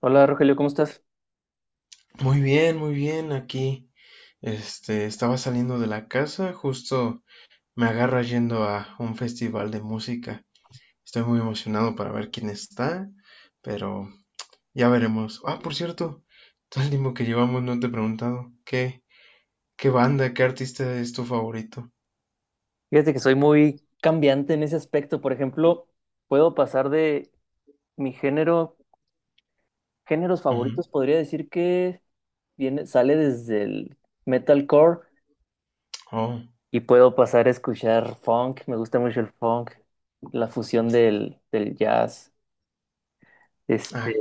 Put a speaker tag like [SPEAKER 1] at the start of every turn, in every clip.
[SPEAKER 1] Hola Rogelio, ¿cómo estás?
[SPEAKER 2] Muy bien, muy bien. Aquí, estaba saliendo de la casa, justo me agarra yendo a un festival de música. Estoy muy emocionado para ver quién está, pero ya veremos. Ah, por cierto, todo el tiempo que llevamos no te he preguntado qué banda, qué artista es tu favorito.
[SPEAKER 1] Fíjate que soy muy cambiante en ese aspecto. Por ejemplo, puedo pasar de mi género, géneros
[SPEAKER 2] Ujú.
[SPEAKER 1] favoritos, podría decir que viene, sale desde el metalcore
[SPEAKER 2] Oh,
[SPEAKER 1] y puedo pasar a escuchar funk. Me gusta mucho el funk, la fusión del jazz. Este,
[SPEAKER 2] ah,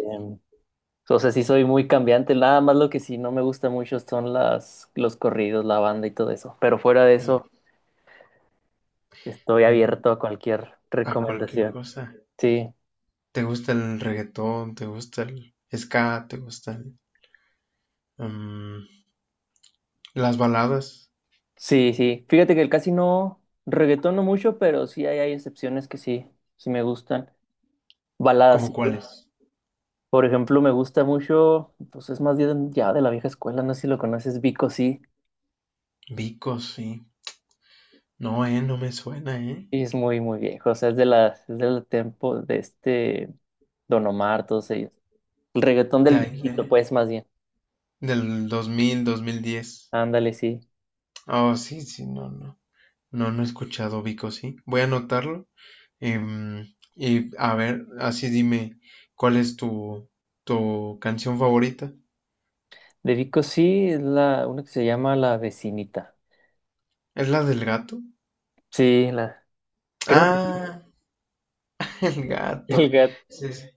[SPEAKER 1] o sea, sí soy muy cambiante. Nada más lo que sí no me gusta mucho son las, los corridos, la banda y todo eso. Pero fuera de eso, estoy
[SPEAKER 2] mm,
[SPEAKER 1] abierto a cualquier
[SPEAKER 2] a cualquier
[SPEAKER 1] recomendación.
[SPEAKER 2] cosa.
[SPEAKER 1] Sí.
[SPEAKER 2] ¿Te gusta el reggaetón? ¿Te gusta el ska? ¿Te gustan las baladas?
[SPEAKER 1] Sí, sí. Fíjate que el casi no reggaetón no mucho, pero sí hay excepciones que sí, sí me gustan. Baladas,
[SPEAKER 2] ¿Cómo
[SPEAKER 1] sí.
[SPEAKER 2] cuáles?
[SPEAKER 1] Por ejemplo, me gusta mucho, pues es más bien ya de la vieja escuela, no sé si lo conoces, Vico sí.
[SPEAKER 2] Vico, sí. No, no me suena, eh.
[SPEAKER 1] Y es muy, muy viejo. O sea, es de la, es del tiempo de este Don Omar, todos ellos. El reggaetón
[SPEAKER 2] De
[SPEAKER 1] del
[SPEAKER 2] ahí,
[SPEAKER 1] viejito, pues, más bien.
[SPEAKER 2] del 2000, 2010.
[SPEAKER 1] Ándale, sí.
[SPEAKER 2] Oh, sí, sí, no, no. No, no he escuchado Vico, sí. Voy a anotarlo. em, y a ver, así dime, ¿cuál es tu, tu canción favorita?
[SPEAKER 1] De Vico sí, es la, una que se llama La Vecinita.
[SPEAKER 2] ¿Es la del gato?
[SPEAKER 1] Sí, la, creo que sí.
[SPEAKER 2] Ah, el
[SPEAKER 1] El
[SPEAKER 2] gato.
[SPEAKER 1] gato.
[SPEAKER 2] Sí, sí.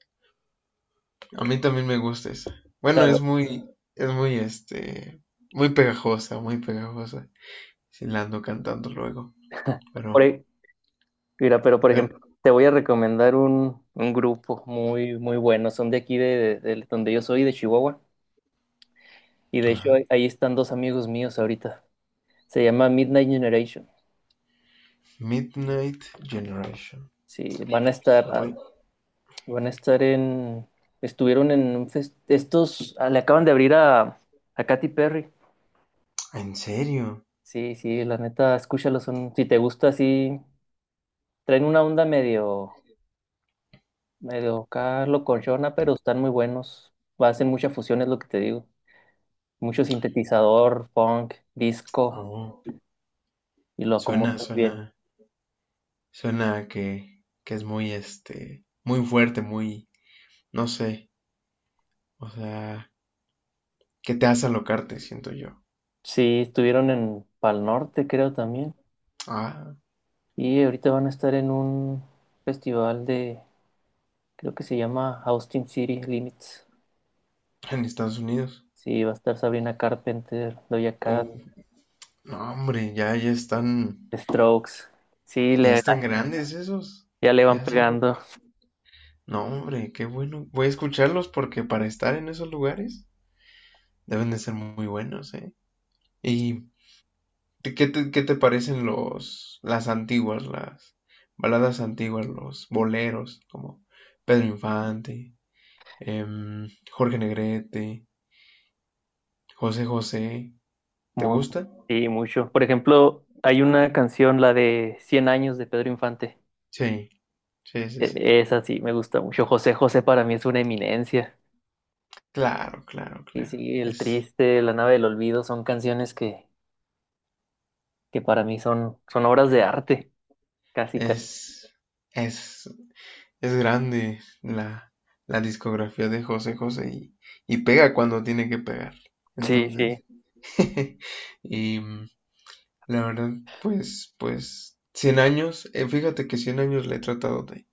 [SPEAKER 2] A mí también me gusta esa. Bueno, es muy, muy pegajosa, muy pegajosa. Sí, la ando cantando luego,
[SPEAKER 1] Por,
[SPEAKER 2] pero,
[SPEAKER 1] e Mira, pero por ejemplo,
[SPEAKER 2] pero,
[SPEAKER 1] te voy a recomendar un grupo muy, muy bueno. Son de aquí, de donde yo soy, de Chihuahua. Y de hecho, ahí
[SPEAKER 2] ajá.
[SPEAKER 1] ahí están dos amigos míos ahorita. Se llama Midnight Generation.
[SPEAKER 2] Midnight Generation.
[SPEAKER 1] Sí, van a estar, van a estar en, estuvieron en un fest- estos, le acaban de abrir a Katy Perry.
[SPEAKER 2] ¿En serio?
[SPEAKER 1] Sí, sí, la neta, escúchalo. Son, si te gusta, sí, traen una onda medio, medio acá locochona, pero están muy buenos. Hacen mucha fusión, es lo que te digo. Mucho sintetizador, funk, disco,
[SPEAKER 2] Oh,
[SPEAKER 1] y lo
[SPEAKER 2] suena,
[SPEAKER 1] acomodan bien.
[SPEAKER 2] suena, suena que es muy, muy fuerte, muy, no sé, o sea, que te hace alocarte, siento yo.
[SPEAKER 1] Sí, estuvieron en Pal Norte, creo también,
[SPEAKER 2] Ah,
[SPEAKER 1] y ahorita van a estar en un festival de, creo que se llama Austin City Limits.
[SPEAKER 2] en Estados Unidos.
[SPEAKER 1] Sí, va a estar Sabrina Carpenter, Doja Cat,
[SPEAKER 2] Oh, no, hombre, ya,
[SPEAKER 1] The Strokes. Sí,
[SPEAKER 2] ya
[SPEAKER 1] le-
[SPEAKER 2] están grandes esos.
[SPEAKER 1] ya le van
[SPEAKER 2] Ya son.
[SPEAKER 1] pegando.
[SPEAKER 2] No, hombre, qué bueno. Voy a escucharlos porque para estar en esos lugares deben de ser muy buenos, ¿eh? Y ¿te- ¿qué qué te parecen las antiguas, las baladas antiguas, los boleros, como Pedro Infante, Jorge Negrete, José José? ¿Te
[SPEAKER 1] mo-
[SPEAKER 2] gusta?
[SPEAKER 1] Sí, mucho. Por ejemplo, hay una canción, la de 100 años de Pedro Infante.
[SPEAKER 2] Sí, sí, sí, sí.
[SPEAKER 1] Esa sí, me gusta mucho. José José para mí es una eminencia.
[SPEAKER 2] Claro, claro,
[SPEAKER 1] Sí,
[SPEAKER 2] claro.
[SPEAKER 1] sí, El Triste, La Nave del Olvido son canciones que para mí son, son obras de arte, casi, casi.
[SPEAKER 2] Es, es, es grande la discografía de José José y pega cuando tiene que pegar.
[SPEAKER 1] Sí, sí.
[SPEAKER 2] Entonces, y, la verdad, pues, pues, 100 años, fíjate que 100 años le he tratado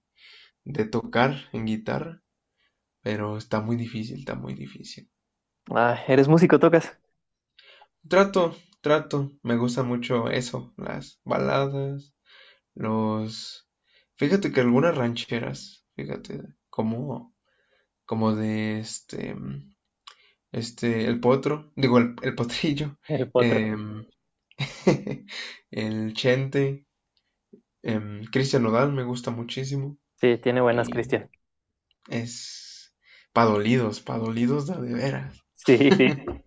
[SPEAKER 2] de tocar en guitarra, pero está muy difícil, está muy difícil.
[SPEAKER 1] Ah, ¿eres músico, tocas?
[SPEAKER 2] Trato, trato, me gusta mucho eso, las baladas, los... Fíjate que algunas rancheras, fíjate, como, como de el potro, digo, el potrillo,
[SPEAKER 1] El potro.
[SPEAKER 2] em, el chente, Cristian Nodal me gusta muchísimo
[SPEAKER 1] Sí, tiene buenas,
[SPEAKER 2] y
[SPEAKER 1] Cristian.
[SPEAKER 2] es pa' dolidos de veras.
[SPEAKER 1] Sí, sí.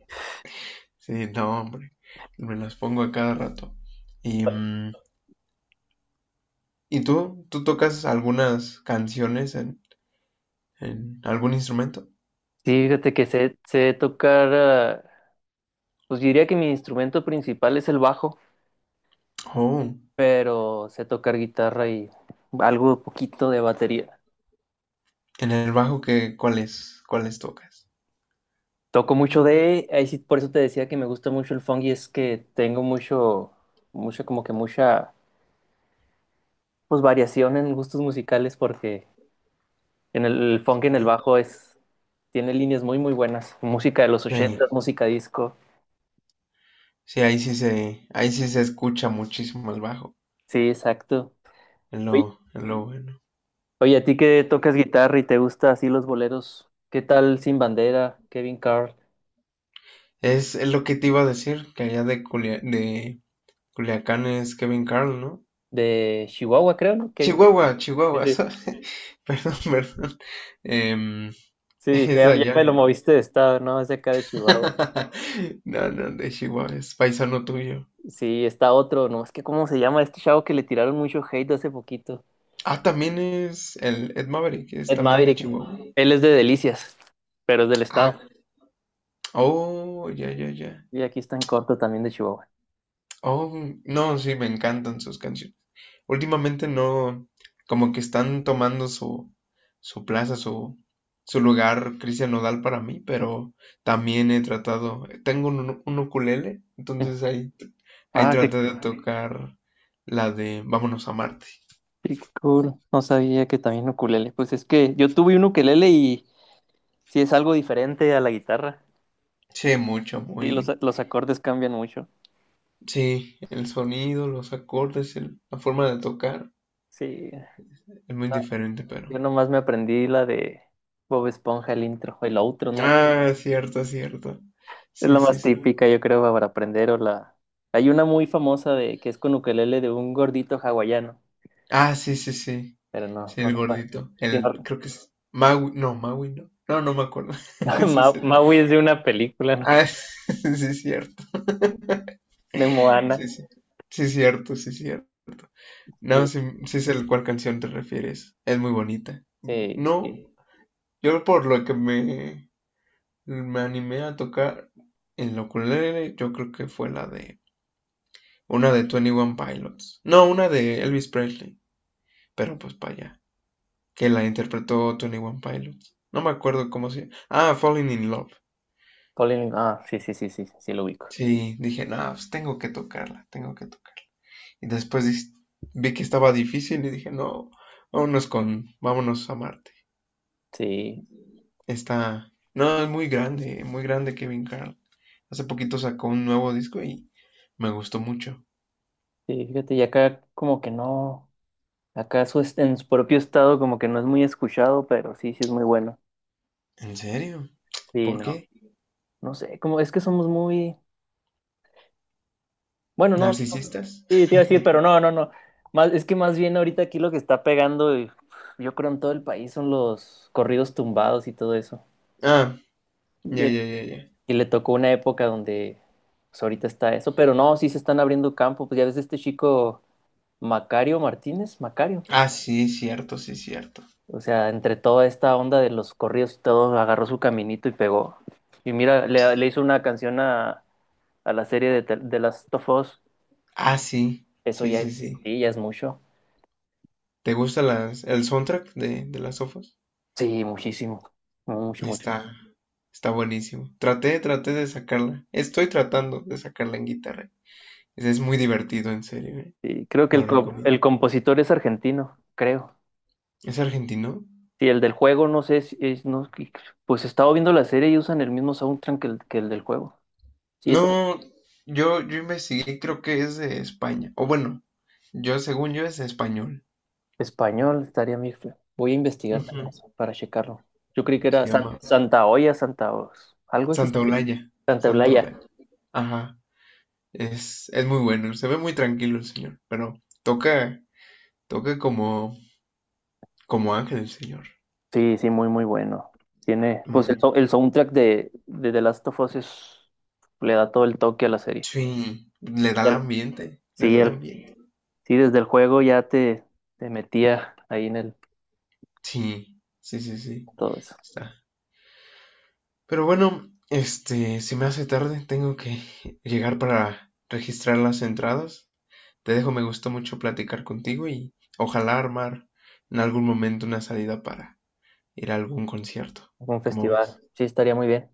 [SPEAKER 2] Sí, no, hombre. Me las pongo a cada rato. Y, mm, ¿y tú? ¿Tú tocas algunas canciones en algún instrumento?
[SPEAKER 1] Sí, fíjate que sé tocar, pues diría que mi instrumento principal es el bajo,
[SPEAKER 2] Oh,
[SPEAKER 1] pero sé tocar guitarra y algo poquito de batería.
[SPEAKER 2] en el bajo qué ¿cuáles tocas?
[SPEAKER 1] Toco mucho de, ahí sí, por eso te decía que me gusta mucho el funk y es que tengo mucho, mucho como que mucha pues variación en gustos musicales porque en el funk y en el
[SPEAKER 2] Sí.
[SPEAKER 1] bajo es tiene líneas muy muy buenas, música de los
[SPEAKER 2] Sí,
[SPEAKER 1] 80, música disco.
[SPEAKER 2] sí, ahí sí se escucha muchísimo el bajo.
[SPEAKER 1] Sí, exacto. Oye,
[SPEAKER 2] Es lo bueno.
[SPEAKER 1] oye, a ti que tocas guitarra y te gusta así los boleros, ¿qué tal Sin Bandera, Kevin Carl
[SPEAKER 2] Es lo que te iba a decir, que allá de, de Culiacán es Kevin Carl, ¿no?
[SPEAKER 1] de Chihuahua, creo, ¿no? Kevin Carl.
[SPEAKER 2] Chihuahua,
[SPEAKER 1] Sí,
[SPEAKER 2] Chihuahua,
[SPEAKER 1] sí.
[SPEAKER 2] sorry. Perdón, perdón. Em,
[SPEAKER 1] Sí, dije,
[SPEAKER 2] es
[SPEAKER 1] ya,
[SPEAKER 2] de
[SPEAKER 1] ya
[SPEAKER 2] allá,
[SPEAKER 1] me lo
[SPEAKER 2] ¿no?
[SPEAKER 1] moviste de estado, ¿no? Es de acá de Chihuahua.
[SPEAKER 2] No, no, de Chihuahua, es paisano tuyo.
[SPEAKER 1] Sí, está otro, ¿no? Es que ¿cómo se llama este chavo que le tiraron mucho hate hace poquito?
[SPEAKER 2] Ah, también es el Ed Maverick, es
[SPEAKER 1] Ed
[SPEAKER 2] también de
[SPEAKER 1] Maverick.
[SPEAKER 2] Chihuahua.
[SPEAKER 1] Él es de Delicias, pero es del
[SPEAKER 2] Ah,
[SPEAKER 1] estado.
[SPEAKER 2] oh, ya, ya, ya.
[SPEAKER 1] Y aquí está en corto también de Chihuahua.
[SPEAKER 2] Oh, no, sí, me encantan sus canciones. Últimamente no, como que están tomando su, su plaza, su lugar Cristian Nodal para mí, pero también he tratado, tengo un ukulele,
[SPEAKER 1] Eh,
[SPEAKER 2] entonces ahí, ahí
[SPEAKER 1] Ah, qué,
[SPEAKER 2] traté de tocar la de Vámonos a Marte.
[SPEAKER 1] qué cool. No sabía que también ukulele. Pues es que yo tuve un ukelele y sí es algo diferente a la guitarra.
[SPEAKER 2] Sí, mucho,
[SPEAKER 1] Sí, los,
[SPEAKER 2] muy...
[SPEAKER 1] los acordes cambian mucho.
[SPEAKER 2] Sí, el sonido, los acordes, la forma de tocar
[SPEAKER 1] Sí,
[SPEAKER 2] es muy diferente,
[SPEAKER 1] yo
[SPEAKER 2] pero...
[SPEAKER 1] nomás me aprendí la de Bob Esponja, el intro, el outro, no me acuerdo.
[SPEAKER 2] Ah, cierto, cierto.
[SPEAKER 1] Es la
[SPEAKER 2] Sí, sí,
[SPEAKER 1] más
[SPEAKER 2] sí.
[SPEAKER 1] típica, yo creo, para aprender o la... Hay una muy famosa de que es con ukelele de un gordito hawaiano,
[SPEAKER 2] Ah, sí, sí, sí.
[SPEAKER 1] pero no,
[SPEAKER 2] Sí,
[SPEAKER 1] no
[SPEAKER 2] el
[SPEAKER 1] recuerdo.
[SPEAKER 2] gordito.
[SPEAKER 1] Sí,
[SPEAKER 2] El,
[SPEAKER 1] no...
[SPEAKER 2] creo que es Maui. No, Maui no. No, no me acuerdo. Sí, sí.
[SPEAKER 1] Maui es de una película, ¿no?
[SPEAKER 2] Ah, sí, es cierto.
[SPEAKER 1] De Moana.
[SPEAKER 2] Sí, sí. Sí, es cierto, sí, es cierto. No,
[SPEAKER 1] Sí,
[SPEAKER 2] sí, sí sé a cuál canción te refieres. Es muy bonita.
[SPEAKER 1] sí,
[SPEAKER 2] No,
[SPEAKER 1] sí.
[SPEAKER 2] yo por lo que me animé a tocar en la ukulele, yo creo que fue la de una de Twenty One Pilots. No, una de Elvis Presley. Pero pues para allá, que la interpretó Tony One Pilots. No me acuerdo cómo se llama. Ah, Falling in Love.
[SPEAKER 1] Colin, ah, sí, sí, sí, sí, sí lo ubico.
[SPEAKER 2] Sí, dije, no, pues tengo que tocarla, tengo que tocarla. Y después vi que estaba difícil y dije, no, vámonos a Marte.
[SPEAKER 1] Sí,
[SPEAKER 2] Está, no, es muy grande Kevin Carl. Hace poquito sacó un nuevo disco y me gustó mucho.
[SPEAKER 1] sí, fíjate, y acá como que no, acá su est- en su propio estado como que no es muy escuchado, pero sí, sí es muy bueno.
[SPEAKER 2] ¿En serio?
[SPEAKER 1] Sí,
[SPEAKER 2] ¿Por
[SPEAKER 1] no,
[SPEAKER 2] qué?
[SPEAKER 1] no sé, como es que somos muy, bueno, no,
[SPEAKER 2] ¿Narcisistas?
[SPEAKER 1] sí, te iba a decir, pero no, no, no, más, es que más bien ahorita aquí lo que está pegando, y, yo creo en todo el país son los corridos tumbados y todo eso.
[SPEAKER 2] Ah,
[SPEAKER 1] Y,
[SPEAKER 2] ya, ya,
[SPEAKER 1] es-
[SPEAKER 2] ya, ya.
[SPEAKER 1] y le tocó una época donde, pues ahorita está eso, pero no, sí se están abriendo campo, pues ya ves este chico Macario Martínez, Macario.
[SPEAKER 2] Ah, sí, cierto, sí, cierto.
[SPEAKER 1] O sea, entre toda esta onda de los corridos y todo, agarró su caminito y pegó. Y mira, le hizo una canción a la serie de, las de Last of Us.
[SPEAKER 2] Ah, sí,
[SPEAKER 1] Eso
[SPEAKER 2] sí,
[SPEAKER 1] ya
[SPEAKER 2] sí,
[SPEAKER 1] es,
[SPEAKER 2] sí.
[SPEAKER 1] sí, ya es mucho.
[SPEAKER 2] ¿Te gusta el soundtrack de las sofas?
[SPEAKER 1] Sí, muchísimo. Mucho, mucho.
[SPEAKER 2] Está, está buenísimo. Traté, traté de sacarla. Estoy tratando de sacarla en guitarra. Es muy divertido, en serio, ¿eh?
[SPEAKER 1] Sí, creo que
[SPEAKER 2] Lo recomiendo.
[SPEAKER 1] el compositor es argentino, creo.
[SPEAKER 2] ¿Es argentino?
[SPEAKER 1] Sí, el del juego, no sé si es, no, que- pues he estado viendo la serie y usan el mismo soundtrack que que el del juego. Sí, es
[SPEAKER 2] No, yo investigué, creo que es de España. O bueno, yo según yo es español.
[SPEAKER 1] Español estaría Mirfla. Voy a investigar también
[SPEAKER 2] Ujú.
[SPEAKER 1] eso para checarlo. Yo creí que
[SPEAKER 2] Se
[SPEAKER 1] era San-
[SPEAKER 2] llama
[SPEAKER 1] Santa Olla, Santa Os- algo así. Sí.
[SPEAKER 2] Santa Olaya.
[SPEAKER 1] Santa
[SPEAKER 2] Santa
[SPEAKER 1] Eulaya.
[SPEAKER 2] Olaya. Ajá. Es muy bueno. Se ve muy tranquilo el señor. Pero toca, toca como, como ángel el señor.
[SPEAKER 1] Sí, sí, muy, muy bueno. Tiene, pues
[SPEAKER 2] Muy,
[SPEAKER 1] el soundtrack de The Last of Us es- le da todo el toque a la serie.
[SPEAKER 2] sí, le da
[SPEAKER 1] Y
[SPEAKER 2] el
[SPEAKER 1] al-
[SPEAKER 2] ambiente, le
[SPEAKER 1] sí,
[SPEAKER 2] da el
[SPEAKER 1] el,
[SPEAKER 2] ambiente.
[SPEAKER 1] sí, desde el juego ya te metía ahí en el
[SPEAKER 2] Sí, sí, sí, sí,
[SPEAKER 1] todo eso.
[SPEAKER 2] está. Pero bueno, este, se me hace tarde, tengo que llegar para registrar las entradas. Te dejo, me gustó mucho platicar contigo y ojalá armar en algún momento una salida para ir a algún concierto.
[SPEAKER 1] Un
[SPEAKER 2] ¿Cómo
[SPEAKER 1] festival.
[SPEAKER 2] ves?
[SPEAKER 1] Sí, estaría muy bien.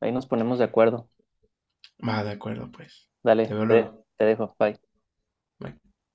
[SPEAKER 1] Ahí nos ponemos de acuerdo.
[SPEAKER 2] Va, de acuerdo, pues. Te
[SPEAKER 1] Dale,
[SPEAKER 2] veo luego.
[SPEAKER 1] te dejo. Bye.
[SPEAKER 2] Bye.